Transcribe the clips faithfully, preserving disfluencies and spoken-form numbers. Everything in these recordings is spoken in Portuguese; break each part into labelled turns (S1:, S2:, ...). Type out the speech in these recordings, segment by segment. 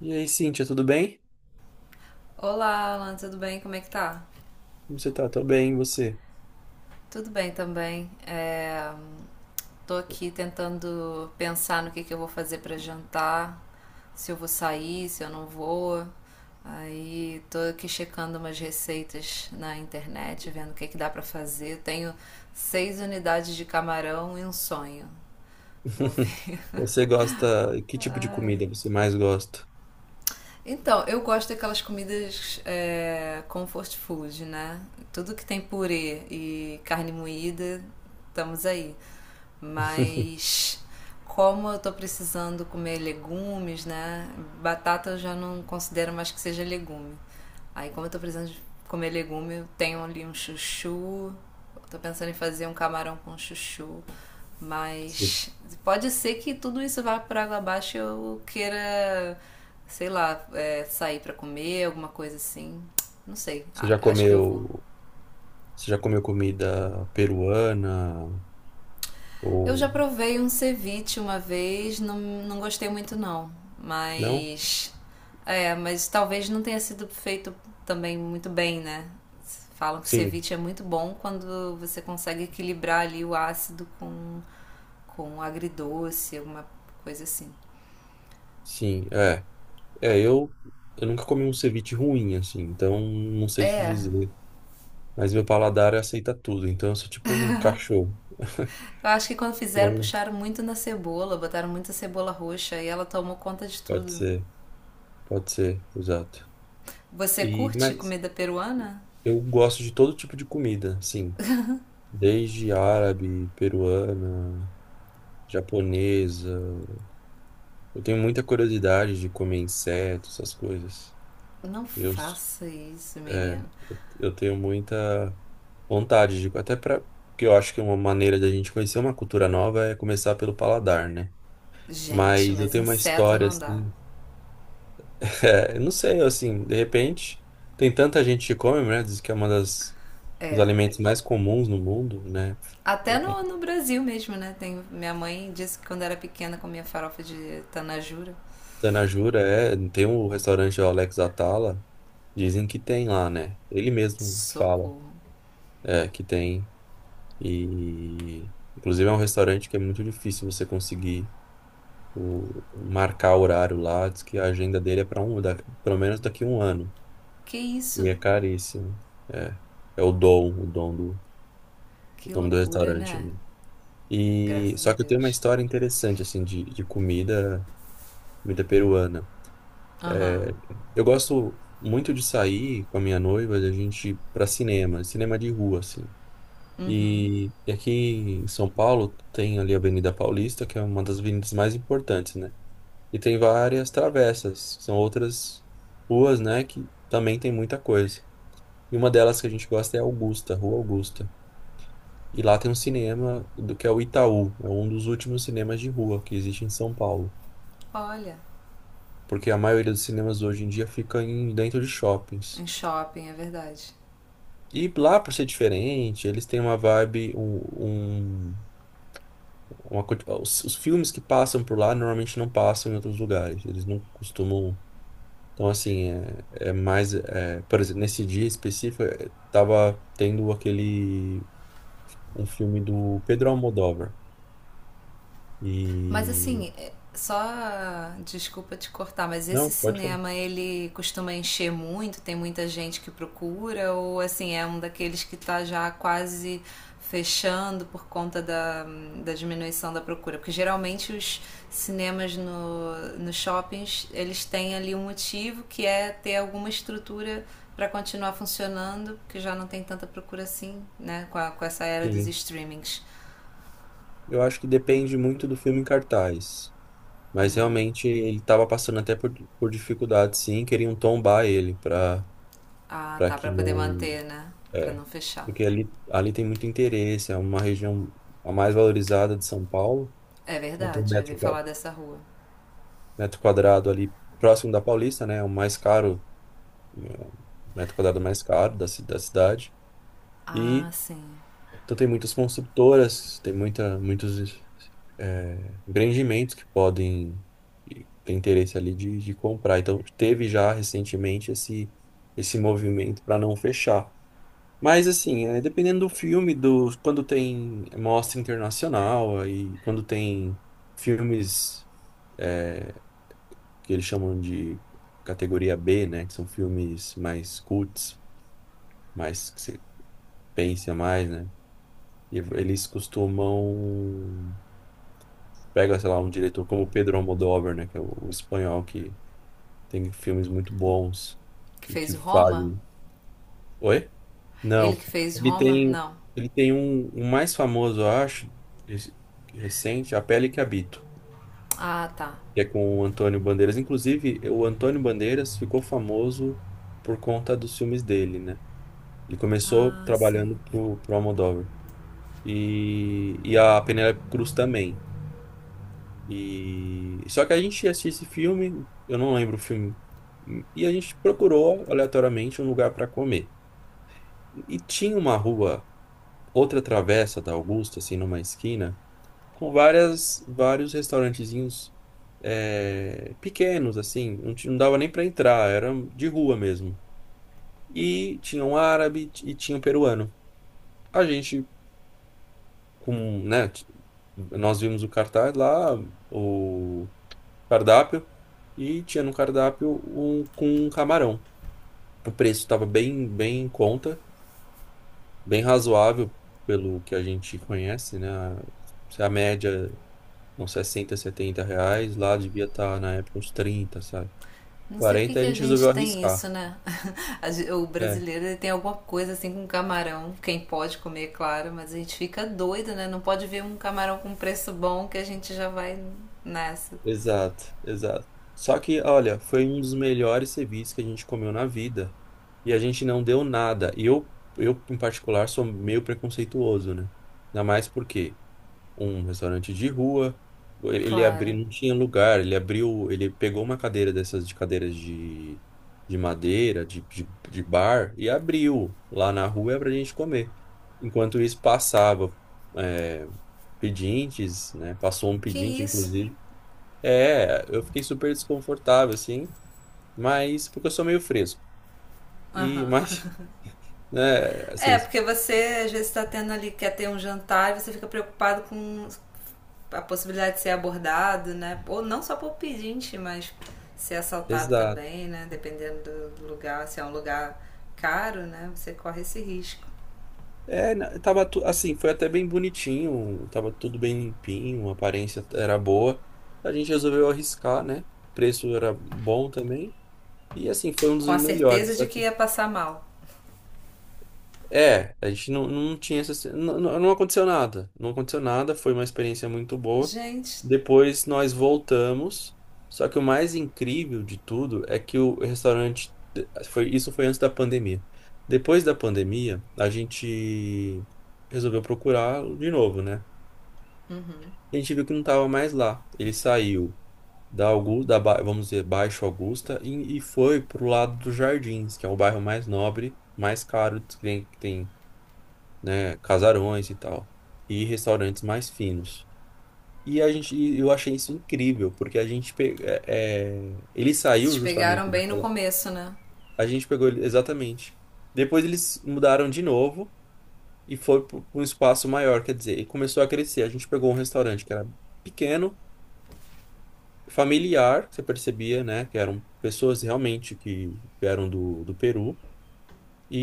S1: E aí, Cíntia, tudo bem?
S2: Olá, Alan, tudo bem? Como é que tá?
S1: Como você tá? Tô bem, e você?
S2: Tudo bem também. É, tô aqui tentando pensar no que que eu vou fazer para jantar, se eu vou sair, se eu não vou. Aí tô aqui checando umas receitas na internet, vendo o que que dá para fazer. Tenho seis unidades de camarão e um sonho. Vou ver.
S1: Você gosta... Que tipo de
S2: Ai.
S1: comida você mais gosta?
S2: Então, eu gosto daquelas comidas é, comfort food, né? Tudo que tem purê e carne moída, estamos aí. Mas como eu tô precisando comer legumes, né? Batata eu já não considero mais que seja legume. Aí como eu tô precisando de comer legume, eu tenho ali um chuchu. Tô pensando em fazer um camarão com chuchu.
S1: Você
S2: Mas pode ser que tudo isso vá por água abaixo e eu queira, sei lá, é, sair pra comer, alguma coisa assim. Não sei.
S1: você
S2: Ah,
S1: já
S2: acho que eu vou.
S1: comeu... Você já comeu comida peruana?
S2: Eu já
S1: Ou...
S2: provei um ceviche uma vez, não, não gostei muito não,
S1: Não?
S2: mas é, mas talvez não tenha sido feito também muito bem, né? Falam que
S1: Sim,
S2: ceviche é muito bom quando você consegue equilibrar ali o ácido com com agridoce, alguma coisa assim.
S1: sim, é. É, eu... Eu nunca comi um ceviche ruim, assim, então não sei te
S2: É,
S1: dizer. Mas meu paladar aceita tudo, então eu sou tipo um cachorro.
S2: Eu acho que quando fizeram,
S1: Bom,
S2: puxaram muito na cebola, botaram muita cebola roxa e ela tomou conta de
S1: pode
S2: tudo.
S1: ser, pode ser, exato.
S2: Você
S1: E,
S2: curte
S1: mas...
S2: comida peruana?
S1: Eu gosto de todo tipo de comida, sim. Desde árabe, peruana, japonesa. Eu tenho muita curiosidade de comer insetos, essas coisas.
S2: Não
S1: Eu,
S2: faça isso,
S1: é,
S2: menino.
S1: eu tenho muita vontade de, até para, porque eu acho que uma maneira da gente conhecer uma cultura nova é começar pelo paladar, né?
S2: Gente,
S1: Mas eu
S2: mas
S1: tenho uma
S2: inseto
S1: história
S2: não dá.
S1: assim, é, eu não sei, assim, de repente tem tanta gente que come, né? Diz que é uma das dos
S2: É.
S1: alimentos mais comuns no mundo, né?
S2: Até no, no Brasil mesmo, né? Tem, minha mãe disse que quando era pequena comia farofa de tanajura.
S1: Zanajura, é, tem um restaurante o Alex Atala, dizem que tem lá, né? Ele mesmo fala,
S2: Socorro.
S1: é, que tem. E inclusive é um restaurante que é muito difícil você conseguir o, marcar horário lá, diz que a agenda dele é para um, da, pelo menos daqui a um ano.
S2: Que
S1: E
S2: isso?
S1: é caríssimo. É, é o Dom, o Dom do, o
S2: Que
S1: nome do
S2: loucura,
S1: restaurante,
S2: né?
S1: né? E
S2: Graças a
S1: só que eu tenho uma
S2: Deus.
S1: história interessante assim de, de comida, comida peruana.
S2: Aham.
S1: Eu gosto muito de sair com a minha noiva, a gente ir pra cinema, cinema de rua, assim.
S2: Uhum.
S1: E, e aqui em São Paulo tem ali a Avenida Paulista, que é uma das avenidas mais importantes, né? E tem várias travessas, são outras ruas, né, que também tem muita coisa. E uma delas que a gente gosta é Augusta, Rua Augusta. E lá tem um cinema do que é o Itaú, é um dos últimos cinemas de rua que existe em São Paulo.
S2: Olha,
S1: Porque a maioria dos cinemas hoje em dia fica em, dentro de shoppings.
S2: em shopping, é verdade.
S1: E lá, por ser diferente, eles têm uma vibe, um, um- uma, co- os, os filmes que passam por lá normalmente não passam em outros lugares. Eles não costumam. Então, assim, é, é mais. é, por exemplo, nesse dia específico, é, tava tendo aquele. Um filme do Pedro Almodóvar.
S2: Mas
S1: E.
S2: assim, é- só desculpa te cortar, mas esse
S1: Não, pode falar.
S2: cinema ele costuma encher muito, tem muita gente que procura, ou assim, é um daqueles que tá já quase fechando por conta da, da diminuição da procura? Porque geralmente os cinemas no, nos shoppings, eles têm ali um motivo que é ter alguma estrutura para continuar funcionando, porque já não tem tanta procura assim, né, com, a- com essa era dos
S1: Sim.
S2: streamings.
S1: Eu acho que depende muito do filme em cartaz. Mas
S2: Hum.
S1: realmente ele estava passando até por, por dificuldade, sim. Queriam tombar ele para
S2: Ah,
S1: para
S2: tá,
S1: que
S2: pra poder
S1: não.
S2: manter, né? Pra
S1: É,
S2: não fechar.
S1: porque ali, ali tem muito interesse, é uma região a mais valorizada de São Paulo,
S2: É
S1: então tem um
S2: verdade, já vi
S1: metro
S2: falar
S1: quadrado,
S2: dessa rua.
S1: metro quadrado ali próximo da Paulista, né, é o mais caro, né, o metro quadrado mais caro da, ci- da cidade,
S2: Ah,
S1: e
S2: sim.
S1: então tem muitas construtoras, tem muita, muitos é, empreendimentos que podem ter interesse ali de, de comprar, então teve já recentemente esse, esse movimento para não fechar. Mas assim, é, dependendo do filme, do quando tem mostra internacional, aí quando tem filmes que eles chamam de categoria B, né, que são filmes mais cults, mais que você pensa mais, né? E eles costumam pega, sei lá, um diretor como Pedro Almodóvar, né, que é o, o espanhol que tem filmes muito bons
S2: Que
S1: e que
S2: fez Roma?
S1: fazem. Oi? Não.
S2: Ele que fez
S1: Ele
S2: Roma?
S1: tem,
S2: Não.
S1: ele tem um, um mais famoso, eu acho, esse- recente, A Pele que Habito,
S2: Ah, tá.
S1: que é com o Antônio Bandeiras. Inclusive, o Antônio Bandeiras ficou famoso por conta dos filmes dele, né? Ele começou
S2: Ah, sim.
S1: trabalhando pro, pro Almodóvar. E, e a Penélope Cruz também. E, só que a gente assistiu esse filme, eu não lembro o filme, e a gente procurou aleatoriamente um lugar para comer. E tinha uma rua. Outra travessa da Augusta, assim, numa esquina, com várias, vários restaurantezinhos é, pequenos, assim, não, ti- não dava nem para entrar, era de rua mesmo. E tinha um árabe e tinha um peruano. A gente, com, né, t- nós vimos o cartaz lá, o cardápio, e tinha no cardápio um com um camarão. O preço estava bem, bem em conta, bem razoável pelo que a gente conhece, né? Se a média uns sessenta, setenta reais, lá devia estar na época uns trinta, sabe?
S2: Não sei porque
S1: Quarenta a
S2: que a
S1: gente
S2: gente
S1: resolveu
S2: tem isso,
S1: arriscar.
S2: né? A gen- O
S1: É,
S2: brasileiro ele tem alguma coisa assim com camarão. Quem pode comer, claro, mas a gente fica doido, né? Não pode ver um camarão com preço bom que a gente já vai nessa.
S1: exato, exato. Só que, olha, foi um dos melhores serviços que a gente comeu na vida. E a gente não deu nada. E eu, eu, em particular, sou meio preconceituoso, né? Ainda mais porque um restaurante de rua. Ele, ele
S2: Claro.
S1: abriu, não tinha lugar. Ele abriu, ele pegou uma cadeira dessas de cadeiras de, de madeira, de, de, de bar, e abriu lá na rua pra gente comer. Enquanto isso, passava é, pedintes, né? Passou um
S2: Que
S1: pedinte,
S2: isso?
S1: inclusive. É, eu fiquei super desconfortável, assim, mas porque eu sou meio fresco. E,
S2: Aham.
S1: mas, né, assim,
S2: É, porque você às vezes está tendo ali, quer ter um jantar e você fica preocupado com a possibilidade de ser abordado, né? Ou não só por pedinte, mas ser assaltado
S1: exato.
S2: também, né? Dependendo do lugar, se é um lugar caro, né? Você corre esse risco.
S1: É, na- tava tu- assim, foi até bem bonitinho, tava tudo bem limpinho, a aparência era boa. A gente resolveu arriscar, né? O preço era bom também. E assim, foi um dos
S2: Com a
S1: melhores.
S2: certeza
S1: Só
S2: de que
S1: que
S2: ia passar mal.
S1: é, a gente não, não tinha essa. Não, não não aconteceu nada. Não aconteceu nada, foi uma experiência muito boa.
S2: Gente,
S1: Depois nós voltamos. Só que o mais incrível de tudo é que o restaurante. Foi, isso foi antes da pandemia. Depois da pandemia, a gente resolveu procurar de novo, né? E a gente viu que não estava mais lá. Ele saiu da Augusta, da, Ba- vamos dizer, Baixo Augusta, e, e foi pro lado dos Jardins, que é o bairro mais nobre, mais caro que tem, né, casarões e tal, e restaurantes mais finos. E a gente, e eu achei isso incrível, porque a gente pe- é, é, ele saiu
S2: vocês pegaram
S1: justamente
S2: bem no
S1: daquela.
S2: começo, né?
S1: A gente pegou ele exatamente. Depois eles mudaram de novo e foi para um espaço maior, quer dizer, e começou a crescer. A gente pegou um restaurante que era pequeno, familiar, você percebia, né, que eram pessoas realmente que vieram do, do Peru.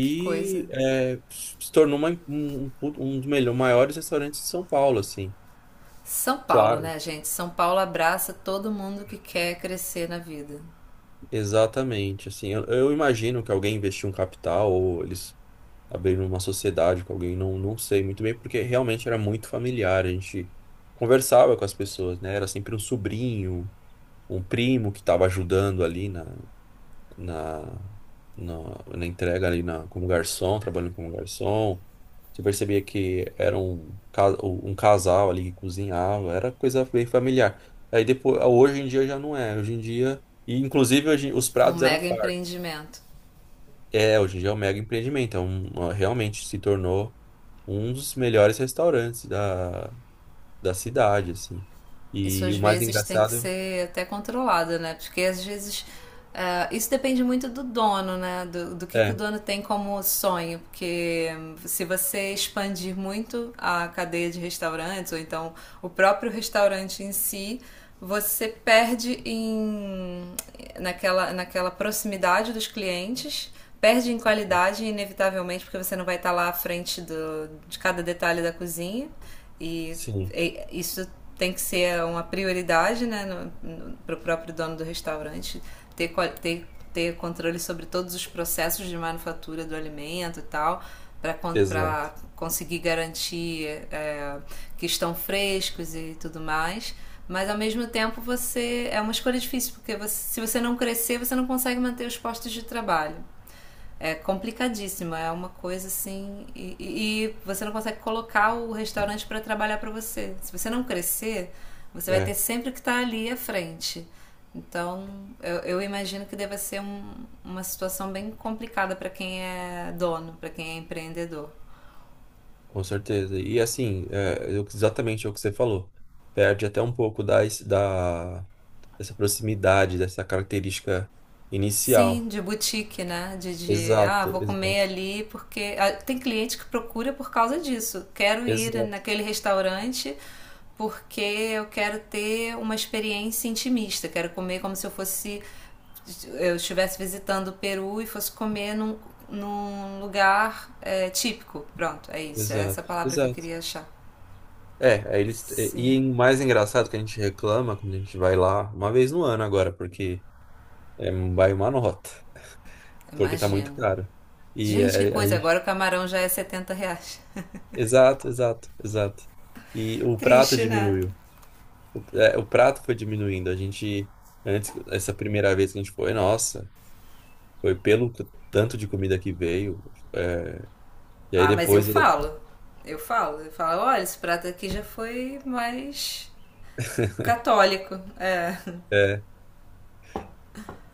S2: Que coisa.
S1: é, se tornou uma- um, um, um dos melhores, maiores restaurantes de São Paulo, assim.
S2: São Paulo,
S1: Claro.
S2: né, gente? São Paulo abraça todo mundo que quer crescer na vida.
S1: Exatamente, assim, eu, eu imagino que alguém investiu um capital ou eles abriram uma sociedade com alguém, não, não sei muito bem, porque realmente era muito familiar, a gente conversava com as pessoas, né? Era sempre um sobrinho, um primo que estava ajudando ali na, na, na, na entrega ali na, como garçom, trabalhando como garçom. Você percebia que era um, ca- um casal ali que cozinhava, era coisa bem familiar. Aí depois, hoje em dia já não é, hoje em dia... E, inclusive, hoje, os
S2: É um
S1: pratos eram
S2: mega
S1: fartos.
S2: empreendimento.
S1: É, hoje em dia é um mega empreendimento, é um, uma- realmente se tornou um dos melhores restaurantes da, da cidade, assim.
S2: Isso
S1: E
S2: às
S1: o mais
S2: vezes tem que
S1: engraçado
S2: ser até controlado, né? Porque às vezes uh, isso depende muito do dono, né? Do, do que, que o
S1: é,
S2: dono tem como sonho. Porque se você expandir muito a cadeia de restaurantes, ou então o próprio restaurante em si, você perde em, naquela, naquela proximidade dos clientes perde em qualidade, inevitavelmente, porque você não vai estar lá à frente do, de cada detalhe da cozinha. E
S1: sim,
S2: é, isso tem que ser uma prioridade, né, para o próprio dono do restaurante ter, ter, ter controle sobre todos os processos de manufatura do alimento e tal, para
S1: exato,
S2: conseguir garantir é, que estão frescos e tudo mais. Mas ao mesmo tempo você é uma escolha difícil, porque você, se você não crescer, você não consegue manter os postos de trabalho, é complicadíssima, é uma coisa assim. E, e você não consegue colocar o restaurante para trabalhar para você. Se você não crescer, você vai ter
S1: é,
S2: sempre que estar ali à frente. Então, eu, eu imagino que deva ser um- uma situação bem complicada para quem é dono, para quem é empreendedor.
S1: com certeza. E assim, é, eu- exatamente o que você falou, perde até um pouco da, da, dessa proximidade, dessa característica
S2: Sim,
S1: inicial.
S2: de boutique, né? De, de, ah,
S1: Exato,
S2: vou comer
S1: exato,
S2: ali porque. Ah, tem cliente que procura por causa disso. Quero ir
S1: exato,
S2: naquele restaurante porque eu quero ter uma experiência intimista. Quero comer como se eu fosse. Eu estivesse visitando o Peru e fosse comer num, num lugar é, típico. Pronto, é isso. É essa
S1: exato,
S2: palavra que eu
S1: exato.
S2: queria achar.
S1: É, aí eles.
S2: Sim,
S1: E o mais engraçado que a gente reclama quando a gente vai lá, uma vez no ano agora, porque é, vai uma nota, porque tá muito
S2: imagino.
S1: caro. E
S2: Gente, que
S1: é, a
S2: coisa!
S1: gente.
S2: Agora o camarão já é setenta reais.
S1: Exato, exato, exato. E o prato
S2: Triste, né?
S1: diminuiu. O, é, o prato foi diminuindo. A gente. Antes, essa primeira vez que a gente foi, nossa, foi pelo c- tanto de comida que veio. É, e aí
S2: Ah, mas eu
S1: depois.
S2: falo. Eu falo. Eu falo, olha, esse prato aqui já foi mais católico. É.
S1: É,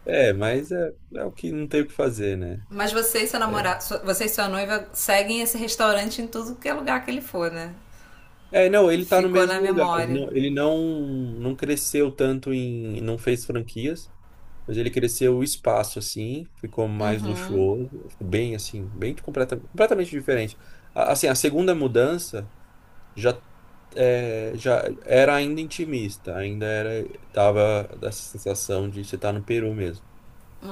S1: é, mas é, é o que não tem o que fazer, né?
S2: Mas você e seu
S1: É,
S2: namorado, sua- você e sua noiva seguem esse restaurante em tudo que é lugar que ele for, né?
S1: É, não, ele tá no
S2: Ficou na
S1: mesmo lugar. Ele
S2: memória.
S1: não, ele não, não cresceu tanto em, não fez franquias, mas ele cresceu o espaço assim, ficou mais
S2: Uhum,
S1: luxuoso, ficou bem assim, bem completamente, completamente diferente. A- Assim, a segunda mudança já é, já era ainda intimista, ainda era tava dessa sensação de você estar no Peru mesmo.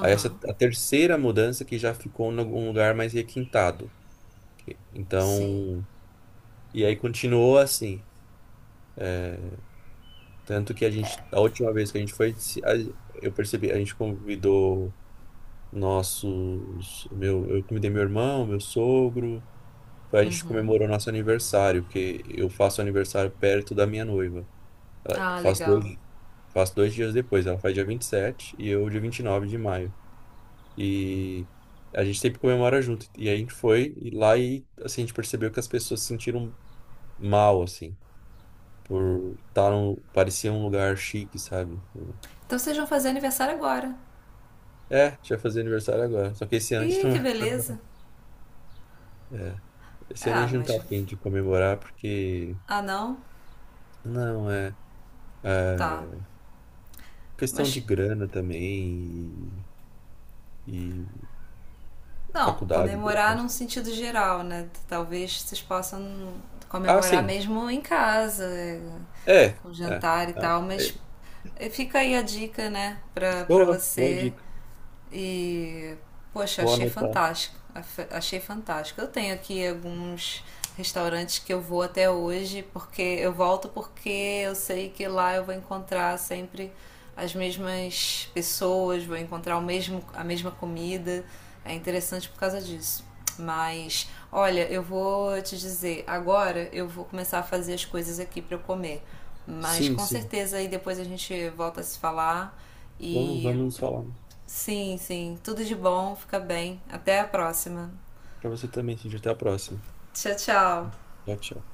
S1: Aí essa a terceira mudança que já ficou em algum lugar mais requintado.
S2: Sim.
S1: Então, e aí continuou assim. Tanto que a gente, a última vez que a gente foi, se- a- eu percebi, a gente convidou nossos, meu, eu convidei meu irmão, meu sogro, a gente comemorou nosso aniversário, porque eu faço aniversário perto da minha noiva. Ela,
S2: Ah,
S1: faço
S2: legal.
S1: dois, faço dois dias depois, ela faz dia vinte e sete e eu dia vinte e nove de maio. E a gente sempre comemora junto. E a gente foi e lá e assim, a gente percebeu que as pessoas se sentiram mal, assim, por estar num, parecia um lugar chique, sabe?
S2: Então vocês vão fazer aniversário agora.
S1: É, a gente vai fazer aniversário agora. Só que esse ano a gente
S2: Ih,
S1: não
S2: que
S1: vai
S2: beleza.
S1: comemorar. É, esse ano a
S2: Ah,
S1: gente não tá
S2: mas.
S1: afim de comemorar porque.
S2: Ah, não?
S1: Não, é.
S2: Tá.
S1: É, questão de
S2: Mas
S1: grana também e, e
S2: Não,
S1: faculdade.
S2: comemorar
S1: Né?
S2: num sentido geral, né? Talvez vocês possam
S1: Ah,
S2: comemorar
S1: sim.
S2: mesmo em casa, é,
S1: É,
S2: com
S1: é,
S2: jantar e
S1: tá.
S2: tal,
S1: É,
S2: mas eh, fica aí a dica, né, pra, pra
S1: boa, boa
S2: você
S1: dica.
S2: e, poxa,
S1: Vou
S2: achei
S1: anotar.
S2: fantástico. Afe- Achei fantástico. Eu tenho aqui alguns restaurantes que eu vou até hoje, porque eu volto porque eu sei que lá eu vou encontrar sempre as mesmas pessoas, vou encontrar o mesmo, a mesma comida. É interessante por causa disso. Mas, olha, eu vou te dizer, agora eu vou começar a fazer as coisas aqui para eu comer. Mas
S1: Sim,
S2: com
S1: sim.
S2: certeza aí depois a gente volta a se falar
S1: Vamos,
S2: e
S1: vamos nos falar.
S2: Sim, sim. Tudo de bom, fica bem. Até a próxima.
S1: Pra você também, sim. Até a próxima.
S2: Tchau, tchau.
S1: Tchau, tchau.